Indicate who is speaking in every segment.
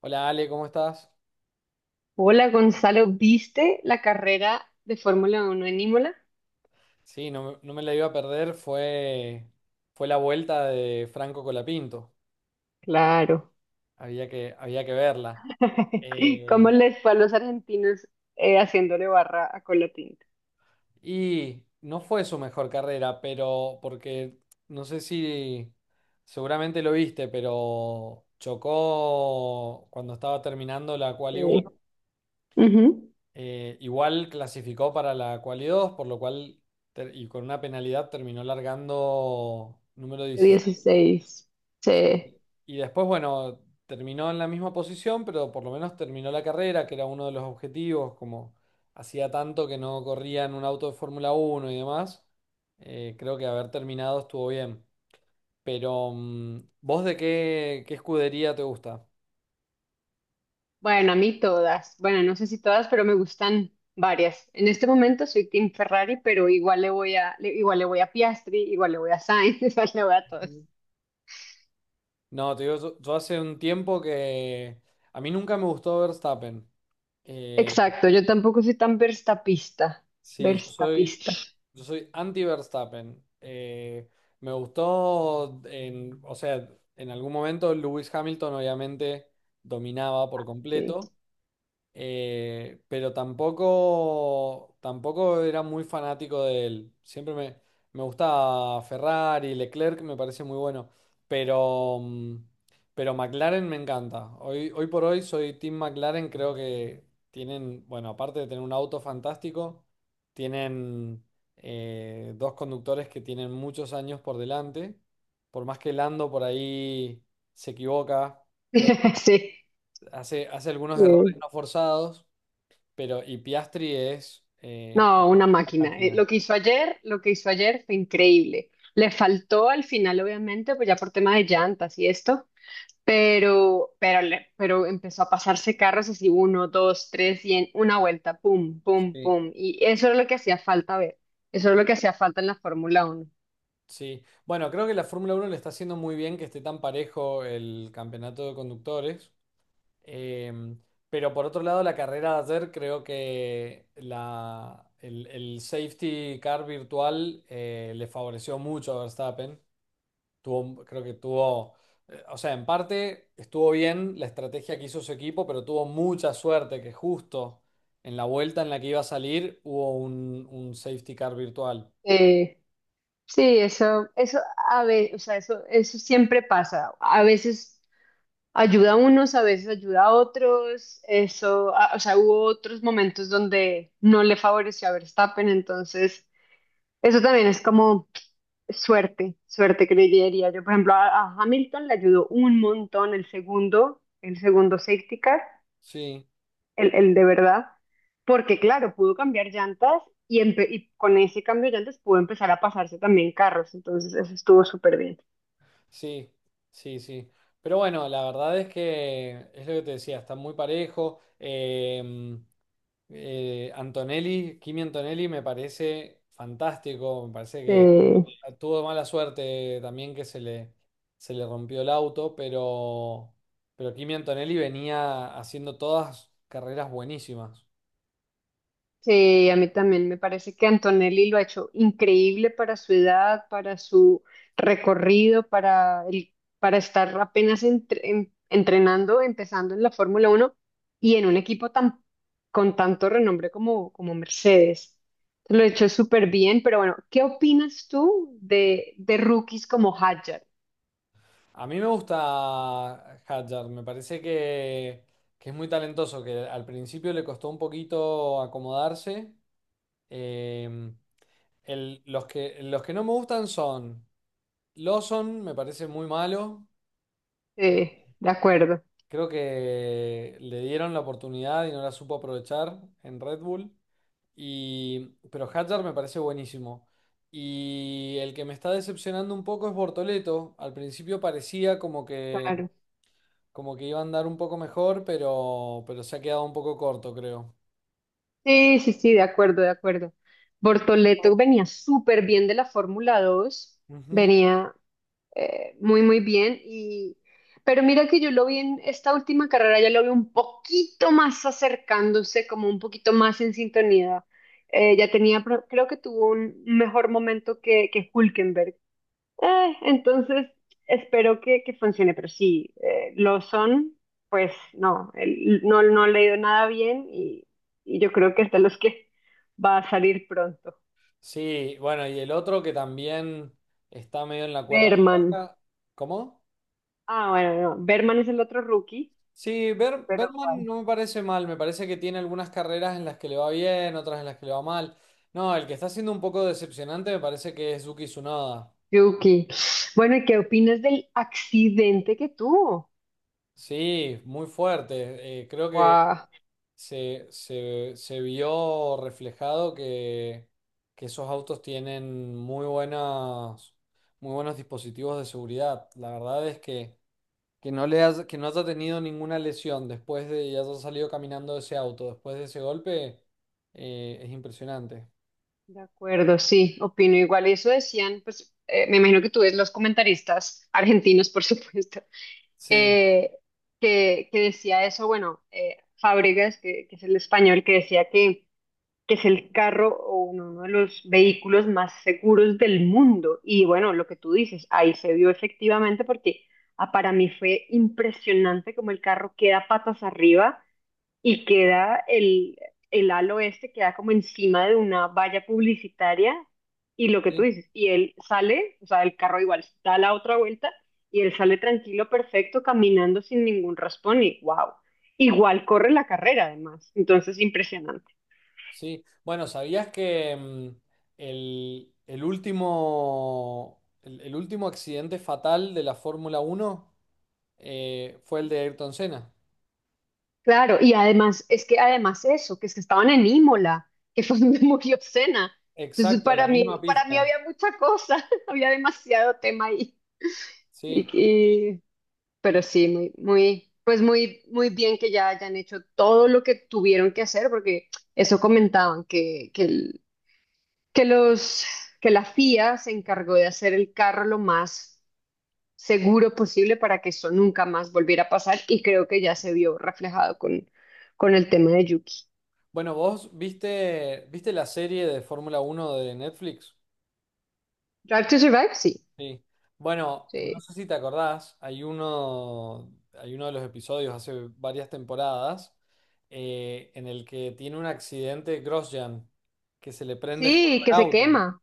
Speaker 1: Hola Ale, ¿cómo estás?
Speaker 2: Hola Gonzalo, ¿viste la carrera de Fórmula Uno en Imola?
Speaker 1: Sí, no, me no me la iba a perder, fue la vuelta de Franco Colapinto,
Speaker 2: Claro.
Speaker 1: había que verla.
Speaker 2: ¿Cómo
Speaker 1: Eh,
Speaker 2: les fue a los argentinos haciéndole barra a Colatinta?
Speaker 1: y no fue su mejor carrera, pero porque no sé si seguramente lo viste, pero chocó cuando estaba terminando la Quali uno,
Speaker 2: Sí. Ujú.
Speaker 1: igual clasificó para la Quali 2, por lo cual y con una penalidad terminó largando número
Speaker 2: De
Speaker 1: 16.
Speaker 2: 16. Sí.
Speaker 1: Y después, bueno, terminó en la misma posición, pero por lo menos terminó la carrera, que era uno de los objetivos, como hacía tanto que no corría en un auto de Fórmula 1 y demás, creo que haber terminado estuvo bien. ¿Vos qué escudería te gusta?
Speaker 2: Bueno, a mí todas. Bueno, no sé si todas, pero me gustan varias. En este momento soy Team Ferrari, pero igual le voy a, le- igual le voy a Piastri, igual le voy a Sainz, igual le voy a todos.
Speaker 1: Ujú. No, te digo, yo hace un tiempo que a mí nunca me gustó Verstappen. Eh,
Speaker 2: Exacto, yo tampoco soy tan verstapista.
Speaker 1: sí, yo soy,
Speaker 2: Verstapista,
Speaker 1: Yo soy anti Verstappen. Me gustó, o sea, en algún momento Lewis Hamilton obviamente dominaba por
Speaker 2: sí.
Speaker 1: completo, pero tampoco era muy fanático de él. Siempre me gustaba Ferrari, Leclerc me parece muy bueno. Pero, mm, pero McLaren me encanta. Hoy por hoy soy Team McLaren. Creo que tienen, bueno, aparte de tener un auto fantástico, tienen dos conductores que tienen muchos años por delante. Por más que Lando por ahí se equivoca, creo que
Speaker 2: Sí.
Speaker 1: hace algunos errores
Speaker 2: Sí.
Speaker 1: no forzados. Pero, y Piastri es
Speaker 2: No,
Speaker 1: una
Speaker 2: una máquina.
Speaker 1: máquina.
Speaker 2: Lo que hizo ayer, lo que hizo ayer fue increíble. Le faltó al final, obviamente, pues ya por tema de llantas y esto, pero, pero empezó a pasarse carros así uno, dos, tres y en una vuelta, pum, pum,
Speaker 1: Sí.
Speaker 2: pum. Y eso es lo que hacía falta ver. Eso es lo que hacía falta en la Fórmula Uno.
Speaker 1: Sí, bueno, creo que la Fórmula 1 le está haciendo muy bien que esté tan parejo el campeonato de conductores. Em, pero por otro lado, la carrera de ayer creo que el safety car virtual le favoreció mucho a Verstappen. Creo que tuvo, o sea, en parte estuvo bien la estrategia que hizo su equipo, pero tuvo mucha suerte que justo en la vuelta en la que iba a salir hubo un safety car virtual.
Speaker 2: Eh, sí, eso a veces, o sea, eso siempre pasa. A veces ayuda a unos, a veces ayuda a otros. Eso, o sea, hubo otros momentos donde no le favoreció a Verstappen, entonces eso también es como suerte, suerte que le diría yo. Por ejemplo, a Hamilton le ayudó un montón el segundo safety car,
Speaker 1: Sí,
Speaker 2: el de verdad, porque claro, pudo cambiar llantas y con ese cambio de llantas pudo empezar a pasarse también carros, entonces eso estuvo súper
Speaker 1: sí, sí, sí. Pero bueno, la verdad es que es lo que te decía, está muy parejo. Antonelli, Kimi Antonelli me parece fantástico, me parece que...
Speaker 2: bien.
Speaker 1: Tuvo mala suerte también que se le rompió el auto, pero Kimi Antonelli venía haciendo todas carreras buenísimas.
Speaker 2: Sí, a mí también me parece que Antonelli lo ha hecho increíble para su edad, para su recorrido, para estar apenas entrenando, empezando en la Fórmula Uno y en un equipo tan, con tanto renombre como, como Mercedes. Lo ha hecho súper bien, pero bueno, ¿qué opinas tú de rookies como Hadjar?
Speaker 1: A mí me gusta Hadjar, me parece que es muy talentoso, que al principio le costó un poquito acomodarse. Eh, los que no me gustan son Lawson, me parece muy malo.
Speaker 2: Sí, de acuerdo,
Speaker 1: Creo que le dieron la oportunidad y no la supo aprovechar en Red Bull. Y, pero Hadjar me parece buenísimo. Y el que me está decepcionando un poco es Bortoleto. Al principio parecía como que,
Speaker 2: claro.
Speaker 1: como que iba a andar un poco mejor, pero se ha quedado un poco corto, creo.
Speaker 2: Sí, sí, sí, de acuerdo, de acuerdo. Bortoleto venía súper bien de la Fórmula 2,
Speaker 1: Ujú.
Speaker 2: venía muy, muy bien. Y... Pero mira que yo lo vi en esta última carrera, ya lo vi un poquito más acercándose, como un poquito más en sintonía. Ya tenía, creo que tuvo un mejor momento que Hülkenberg. Entonces, espero que funcione, pero sí, lo son, pues no, no, no he leído nada bien y yo creo que es de los que va a salir pronto.
Speaker 1: Sí, bueno, y el otro que también está medio en la cuerda
Speaker 2: Berman.
Speaker 1: floja. ¿Cómo?
Speaker 2: Ah, bueno, no, Berman es el otro rookie,
Speaker 1: Sí,
Speaker 2: pero
Speaker 1: Bergman
Speaker 2: ¿cuál?
Speaker 1: no me parece mal, me parece que tiene algunas carreras en las que le va bien, otras en las que le va mal. No, el que está siendo un poco decepcionante me parece que es Yuki Tsunoda.
Speaker 2: Yuki. Bueno, ¿y qué opinas del accidente que tuvo?
Speaker 1: Sí, muy fuerte. Creo que
Speaker 2: Guau.
Speaker 1: se vio reflejado que esos autos tienen muy buenos dispositivos de seguridad. La verdad es que no haya tenido ninguna lesión después de y haya salido caminando de ese auto, después de ese golpe, es impresionante.
Speaker 2: De acuerdo, sí, opino igual. Y eso decían, pues me imagino que tú ves los comentaristas argentinos, por supuesto.
Speaker 1: Sí,
Speaker 2: eh, que decía eso, bueno, Fábregas, que es el español, que decía que es el carro o uno, uno de los vehículos más seguros del mundo. Y bueno, lo que tú dices, ahí se vio efectivamente porque ah, para mí fue impresionante como el carro queda patas arriba y queda el halo este, queda como encima de una valla publicitaria y lo que tú
Speaker 1: sí,
Speaker 2: dices, y él sale, o sea, el carro igual da la otra vuelta y él sale tranquilo, perfecto, caminando sin ningún raspón y wow. Igual corre la carrera además, entonces impresionante.
Speaker 1: sí. Bueno, ¿sabías que el último accidente fatal de la Fórmula 1 fue el de Ayrton Senna?
Speaker 2: Claro, y además, es que además eso, que es que estaban en Imola, que fue donde murió Senna. Entonces,
Speaker 1: Exacto, la misma
Speaker 2: para mí
Speaker 1: pista.
Speaker 2: había mucha cosa, había demasiado tema ahí. Y,
Speaker 1: Sí.
Speaker 2: y Pero sí, muy, muy, pues muy, muy bien que ya hayan hecho todo lo que tuvieron que hacer, porque eso comentaban, que los, que la FIA se encargó de hacer el carro lo más seguro posible para que eso nunca más volviera a pasar, y creo que ya se vio reflejado con el tema de Yuki.
Speaker 1: Bueno, ¿vos viste la serie de Fórmula 1 de Netflix?
Speaker 2: Drive to Survive, sí,
Speaker 1: Sí. Bueno, no
Speaker 2: sí,
Speaker 1: sé si te acordás, hay uno de los episodios hace varias temporadas en el que tiene un accidente Grosjean, que se le prende fuego
Speaker 2: sí, que
Speaker 1: al
Speaker 2: se
Speaker 1: auto,
Speaker 2: quema,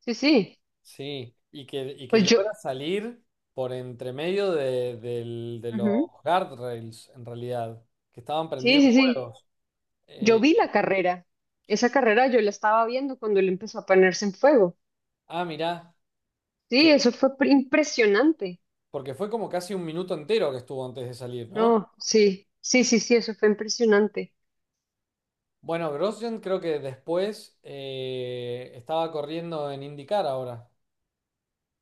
Speaker 2: sí, sí,
Speaker 1: sí, y que
Speaker 2: pues yo,
Speaker 1: logra salir por entre medio de los
Speaker 2: ujú,
Speaker 1: guardrails, en realidad, que estaban
Speaker 2: sí,
Speaker 1: prendidos
Speaker 2: sí, sí.
Speaker 1: fuegos.
Speaker 2: Yo
Speaker 1: Eh,
Speaker 2: vi la carrera, esa carrera yo la estaba viendo cuando él empezó a ponerse en fuego.
Speaker 1: ah, mirá, que,
Speaker 2: Sí, eso fue impresionante.
Speaker 1: porque fue como casi un minuto entero que estuvo antes de salir, ¿no?
Speaker 2: No, sí, sí, sí, sí, eso fue impresionante.
Speaker 1: Bueno, Grosjean creo que después estaba corriendo en IndyCar ahora.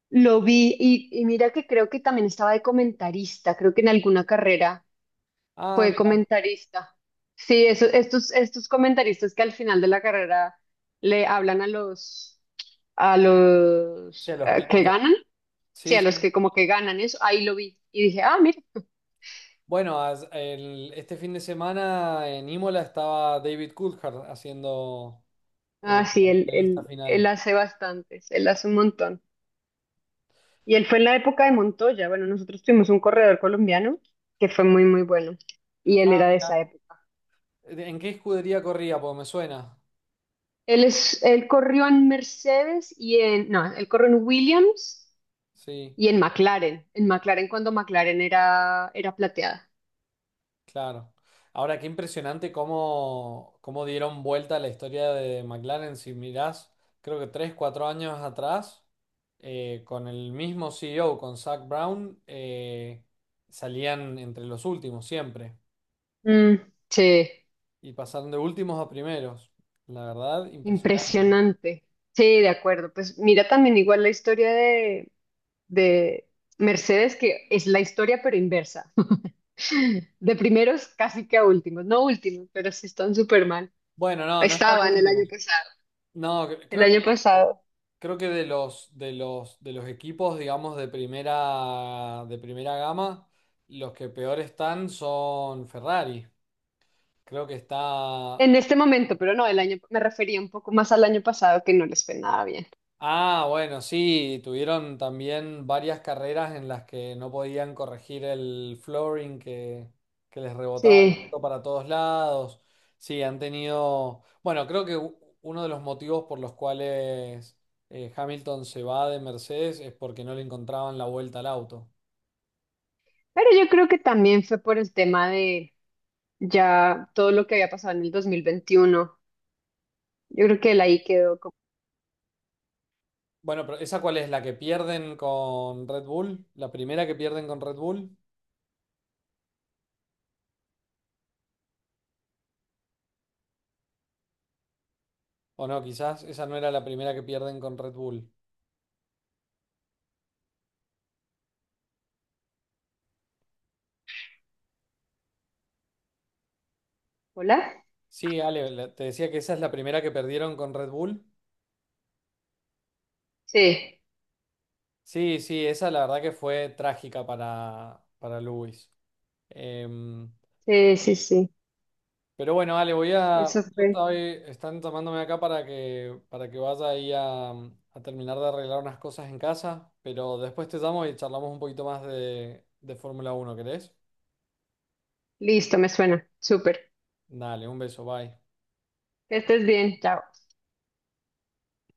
Speaker 2: Lo vi y mira que creo que también estaba de comentarista, creo que en alguna carrera
Speaker 1: Ah,
Speaker 2: fue
Speaker 1: mira,
Speaker 2: comentarista. Sí, eso, estos, estos comentaristas que al final de la carrera le hablan a
Speaker 1: hacia
Speaker 2: los
Speaker 1: los
Speaker 2: que
Speaker 1: pilotos.
Speaker 2: ganan, sí,
Speaker 1: Sí,
Speaker 2: a los
Speaker 1: sí.
Speaker 2: que como que ganan eso, ahí lo vi y dije, ah, mira.
Speaker 1: Bueno, este fin de semana en Imola estaba David Coulthard haciendo
Speaker 2: Ah,
Speaker 1: la
Speaker 2: sí,
Speaker 1: entrevista
Speaker 2: él
Speaker 1: final.
Speaker 2: hace bastantes, él hace un montón. Y él fue en la época de Montoya. Bueno, nosotros tuvimos un corredor colombiano que fue muy, muy bueno. Y él
Speaker 1: Ah,
Speaker 2: era de esa
Speaker 1: mira.
Speaker 2: época.
Speaker 1: ¿En qué escudería corría? Porque me suena.
Speaker 2: Él corrió en Mercedes y en, no, él corrió en Williams
Speaker 1: Sí.
Speaker 2: y en McLaren. En McLaren cuando McLaren era, era plateada.
Speaker 1: Claro. Ahora, qué impresionante cómo dieron vuelta la historia de McLaren. Si mirás, creo que 3, 4 años atrás, con el mismo CEO, con Zak Brown, salían entre los últimos siempre.
Speaker 2: Mm, sí,
Speaker 1: Y pasaron de últimos a primeros. La verdad, impresionante.
Speaker 2: impresionante. Sí, de acuerdo. Pues mira también igual la historia de Mercedes, que es la historia pero inversa. De primeros casi que a últimos, no últimos, pero sí están súper mal.
Speaker 1: Bueno, no, no están de
Speaker 2: Estaban
Speaker 1: últimos. No,
Speaker 2: el
Speaker 1: creo que
Speaker 2: año pasado,
Speaker 1: De los equipos, digamos, de primera gama, los que peor están son Ferrari. Creo que está...
Speaker 2: en este momento, pero no, el año, me refería un poco más al año pasado que no les fue nada bien.
Speaker 1: Ah, bueno, sí, tuvieron también varias carreras en las que no podían corregir el flooring que les rebotaba el
Speaker 2: Sí,
Speaker 1: auto para todos lados. Sí, han tenido... Bueno, creo que uno de los motivos por los cuales Hamilton se va de Mercedes es porque no le encontraban la vuelta al auto.
Speaker 2: pero yo creo que también fue por el tema de ya todo lo que había pasado en el 2021. Yo creo que él ahí quedó como,
Speaker 1: Bueno, pero ¿esa cuál es? ¿La que pierden con Red Bull? ¿La primera que pierden con Red Bull? ¿O no? Quizás esa no era la primera que pierden con Red Bull.
Speaker 2: ¿hola?
Speaker 1: Sí, Ale, te decía que esa es la primera que perdieron con Red Bull.
Speaker 2: Sí,
Speaker 1: Sí, sí, esa la verdad que fue trágica para Lewis. Em,
Speaker 2: sí, sí, sí,
Speaker 1: pero bueno, Ale, voy a...
Speaker 2: eso
Speaker 1: Justo
Speaker 2: fue.
Speaker 1: están tomándome acá para que vaya ahí a terminar de arreglar unas cosas en casa, pero después te llamo y charlamos un poquito más de Fórmula 1, ¿querés?
Speaker 2: Listo, me suena, súper.
Speaker 1: Dale, un beso, bye.
Speaker 2: Que estés bien, chao.